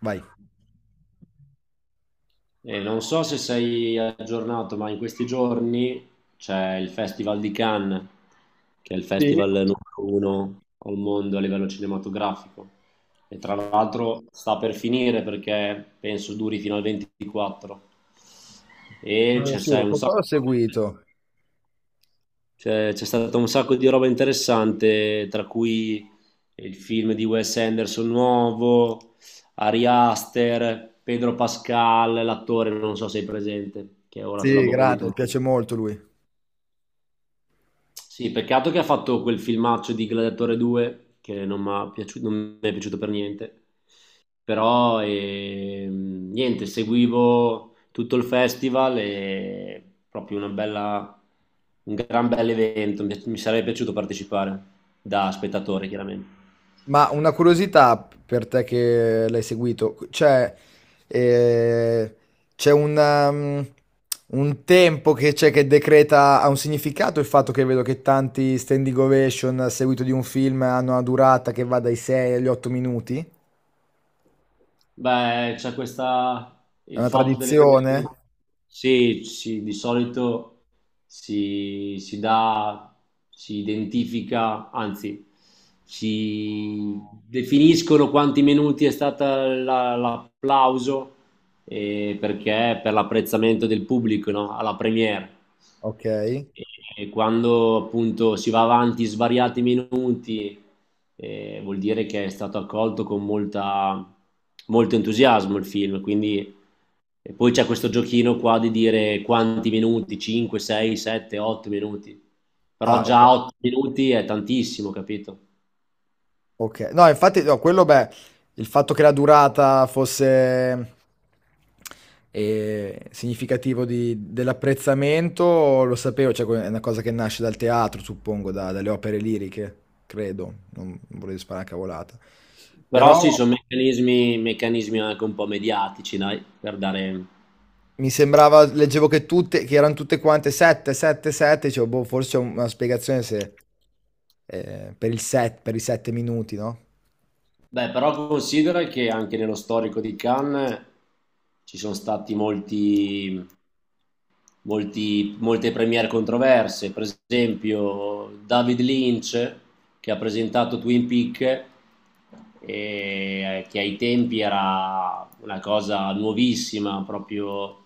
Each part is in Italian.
Vai. E non so se sei aggiornato, ma in questi giorni c'è il Festival di Cannes, che è il Sì, festival numero uno al mondo a livello cinematografico. E tra l'altro sta per finire perché penso duri fino al 24. E c'è sì, c'è un sacco ho di seguito. cioè, c'è stato un sacco di roba interessante, tra cui il film di Wes Anderson nuovo, Ari Aster, Pedro Pascal, l'attore, non so se è presente, che è ora Sì, sulla mi bocca di grande, tutti. piace molto lui. Sì, peccato che ha fatto quel filmaccio di Gladiatore 2, che non mi è piaciuto non mi è piaciuto per niente. Però niente, seguivo tutto il festival e proprio un gran bel evento, mi sarebbe piaciuto partecipare da spettatore chiaramente. Ma una curiosità per te che l'hai seguito, eh, c'è un tempo che c'è che decreta ha un significato il fatto che vedo che tanti standing ovation a seguito di un film hanno una durata che va dai 6 agli 8 minuti? Beh, È il una fatto delle serie, tradizione? sì, sì, di solito si dà, si identifica, anzi, si definiscono quanti minuti è stato l'applauso, perché per l'apprezzamento del pubblico, no? Alla premiere. Ok. E quando appunto si va avanti svariati minuti, vuol dire che è stato accolto con molta, molto entusiasmo il film. Quindi e poi c'è questo giochino qua di dire quanti minuti, 5, 6, 7, 8 minuti, però Ah, ok. già 8 minuti è tantissimo, capito? Ok, no, infatti, no, quello, beh, il fatto che la durata fosse significativo dell'apprezzamento lo sapevo, cioè è una cosa che nasce dal teatro, suppongo, dalle opere liriche, credo, non volevo sparare a cavolata. Però Però sì, sono meccanismi, meccanismi anche un po' mediatici, dai, per dare... mi sembrava, leggevo che tutte, che erano tutte quante 7, 7, 7, dicevo, boh, forse c'è una spiegazione se, per il set, per i 7 minuti, no? Beh, però considera che anche nello storico di Cannes ci sono stati molti, molte premiere controverse, per esempio David Lynch, che ha presentato Twin Peak, e che ai tempi era una cosa nuovissima, proprio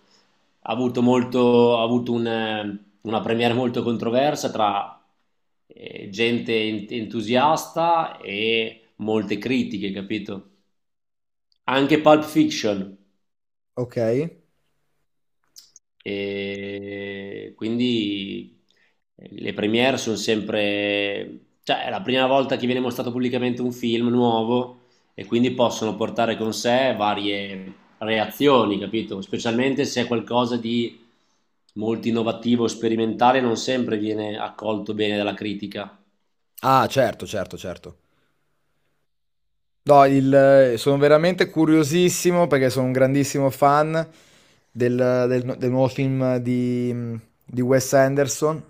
ha avuto molto, ha avuto una premiere molto controversa tra gente entusiasta e molte critiche, capito? Anche Pulp Fiction. Ok. E quindi, le premiere sono sempre, cioè è la prima volta che viene mostrato pubblicamente un film nuovo, e quindi possono portare con sé varie reazioni, capito? Specialmente se è qualcosa di molto innovativo, sperimentale, non sempre viene accolto bene dalla critica. Ah, certo, certo, certo. No, sono veramente curiosissimo perché sono un grandissimo fan del nuovo film di Wes Anderson.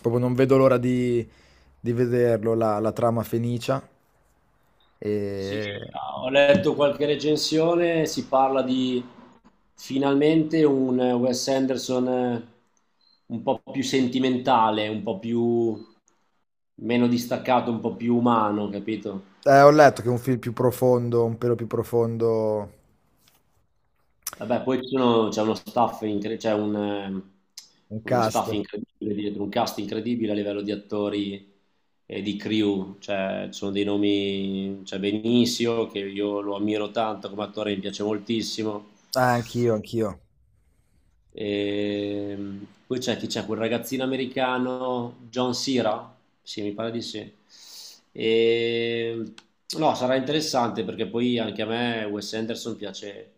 Proprio non vedo l'ora di vederlo, la trama Fenicia. Sì, E ho letto qualche recensione, si parla di finalmente un Wes Anderson, un po' più sentimentale, un po' più meno distaccato, un po' più umano, capito? Ho letto che è un film più profondo, un pelo più profondo, Vabbè, poi un uno cast. staff incredibile dietro, un cast incredibile a livello di attori e di crew, cioè ci sono dei nomi, c'è Benicio che io lo ammiro tanto come attore, mi piace moltissimo. Ah, anch'io, anch'io. Poi c'è quel ragazzino americano, John Cera, sì, mi pare di sì. Ehm, no, sarà interessante perché poi anche a me Wes Anderson piace,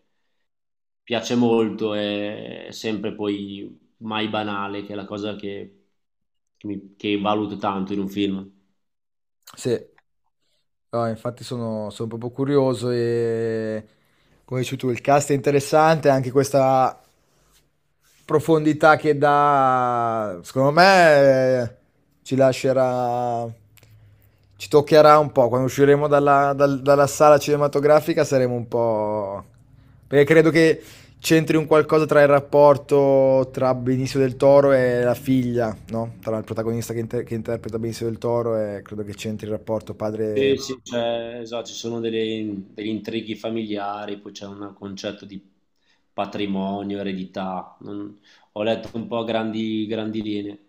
piace molto, è sempre poi mai banale, che è la cosa che, che valuto tanto in un film. Sì. No, infatti sono proprio curioso e come dici tu, il cast è interessante, anche questa profondità che dà, secondo me, ci lascerà, ci toccherà un po'. Quando usciremo dalla sala cinematografica saremo un po'. Perché credo che c'entri un qualcosa tra il rapporto tra Benicio del Toro e la figlia, no? Tra il protagonista che interpreta Benicio del Toro e credo che c'entri il rapporto padre. Sì, sì, cioè, esatto, ci sono degli intrighi familiari, poi c'è un concetto di patrimonio, eredità, ho letto un po' a grandi, grandi linee.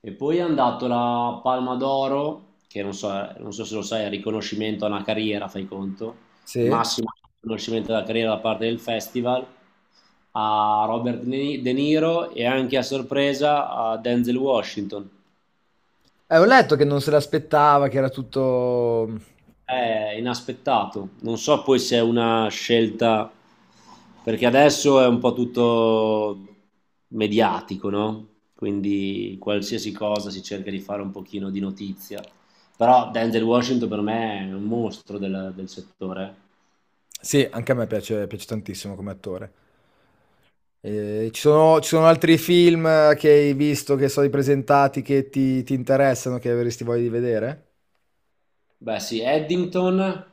E poi è andato la Palma d'Oro, che non so, non so se lo sai, è il riconoscimento a una carriera, fai conto, Sì? massimo riconoscimento della carriera da parte del festival, a Robert De Niro e anche a sorpresa a Denzel Washington. Ho letto che non se l'aspettava, che era tutto. È inaspettato, non so poi se è una scelta, perché adesso è un po' tutto mediatico, no? Quindi qualsiasi cosa si cerca di fare un pochino di notizia. Però Denzel Washington per me è un mostro del settore. Sì, anche a me piace tantissimo come attore. Ci sono altri film che hai visto, che sono presentati, che ti interessano, che avresti voglia di vedere? Beh, sì, Eddington,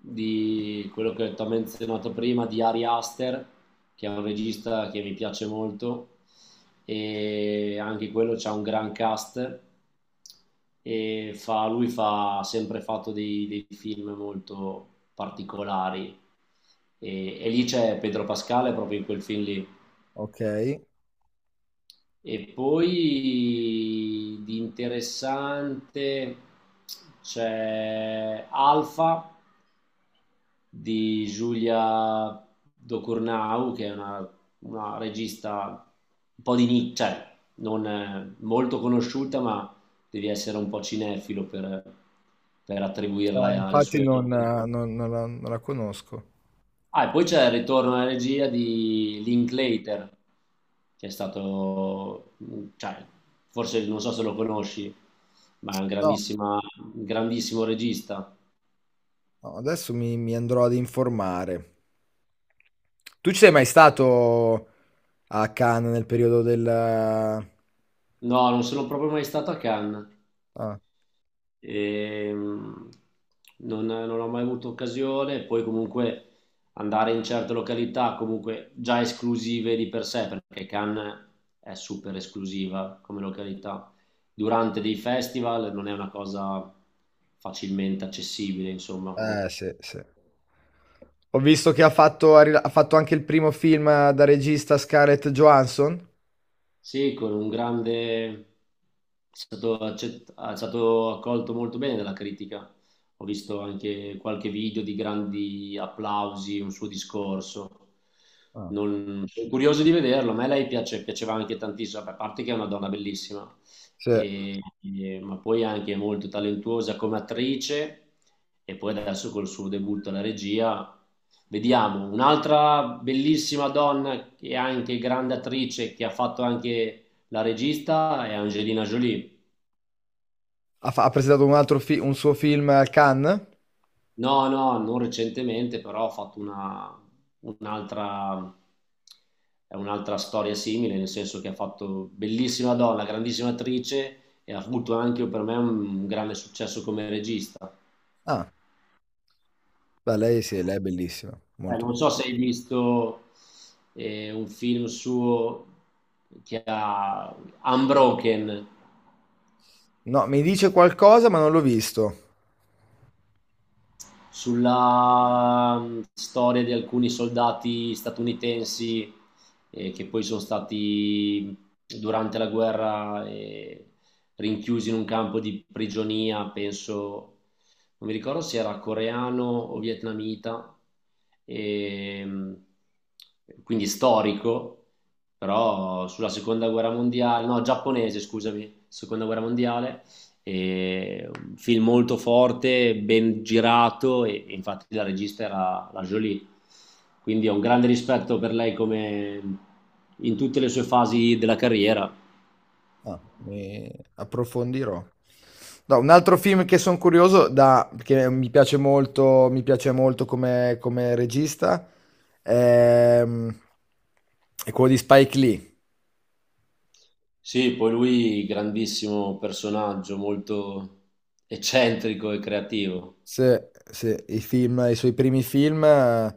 di quello che ti ho menzionato prima, di Ari Aster, che è un regista che mi piace molto, e anche quello c'ha un gran cast, e lui fa, ha sempre fatto dei film molto particolari, e, lì c'è Pedro Pascale proprio in quel film lì. Ok. Eh, E poi di interessante c'è Alfa di Giulia Docurnau, che è una regista un po' di nicchia, cioè non molto conosciuta, ma devi essere un po' cinefilo per, attribuirla alle infatti sue non, opere. eh, non- non la, non la conosco. Ah, e poi c'è il ritorno alla regia di Linklater, che è stato, cioè, forse non so se lo conosci, ma è No, un grandissimo regista. no, adesso mi andrò ad informare. Tu ci sei mai stato a Cannes nel periodo del? Ah. No, non sono proprio mai stato a Cannes. E non ho mai avuto occasione, poi comunque andare in certe località comunque già esclusive di per sé, perché Cannes è super esclusiva come località, durante dei festival non è una cosa facilmente accessibile, insomma. Sì, sì. Ho visto che ha fatto anche il primo film da regista Scarlett Johansson. Sì, con un grande... È stato, è stato accolto molto bene dalla critica. Ho visto anche qualche video di grandi applausi, un suo discorso. Ah, Sono curioso di vederlo. A me lei piaceva anche tantissimo, a parte che è una donna bellissima sì. Ma poi anche molto talentuosa come attrice e poi adesso col suo debutto alla regia. Vediamo, un'altra bellissima donna che è anche grande attrice, che ha fatto anche la regista, è Angelina Jolie. Ha presentato un suo film a Cannes. No, no, non recentemente, però ha fatto una, un'altra, è un'altra storia simile, nel senso che ha fatto bellissima donna, grandissima attrice e ha avuto anche per me un grande successo come regista. Ah, beh, lei sì, lei è bellissima, molto Non so bella. se hai visto un film suo che ha Unbroken. No, mi dice qualcosa, ma non l'ho visto. Sulla storia di alcuni soldati statunitensi che poi sono stati, durante la guerra, rinchiusi in un campo di prigionia, penso, non mi ricordo se era coreano o vietnamita, e, quindi storico, però sulla seconda guerra mondiale, no, giapponese, scusami, seconda guerra mondiale, e un film molto forte, ben girato, e, infatti la regista era la Jolie. Quindi ho un grande rispetto per lei come in tutte le sue fasi della carriera. Ah, mi approfondirò. No, un altro film che sono curioso che mi piace molto come regista ehm, è quello di Spike Lee. Sì, poi lui grandissimo personaggio, molto eccentrico e creativo. Se i suoi primi film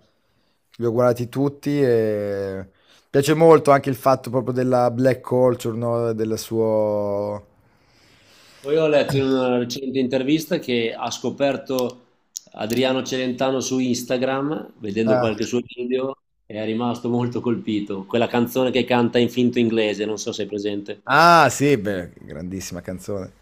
li ho guardati tutti e piace molto anche il fatto proprio della black culture, no? Del suo. Poi ho letto in una recente intervista che ha scoperto Adriano Celentano su Instagram, vedendo Ah, qualche suo video, e è rimasto molto colpito. Quella canzone che canta in finto inglese, non so se è presente. ah, sì, beh, grandissima canzone.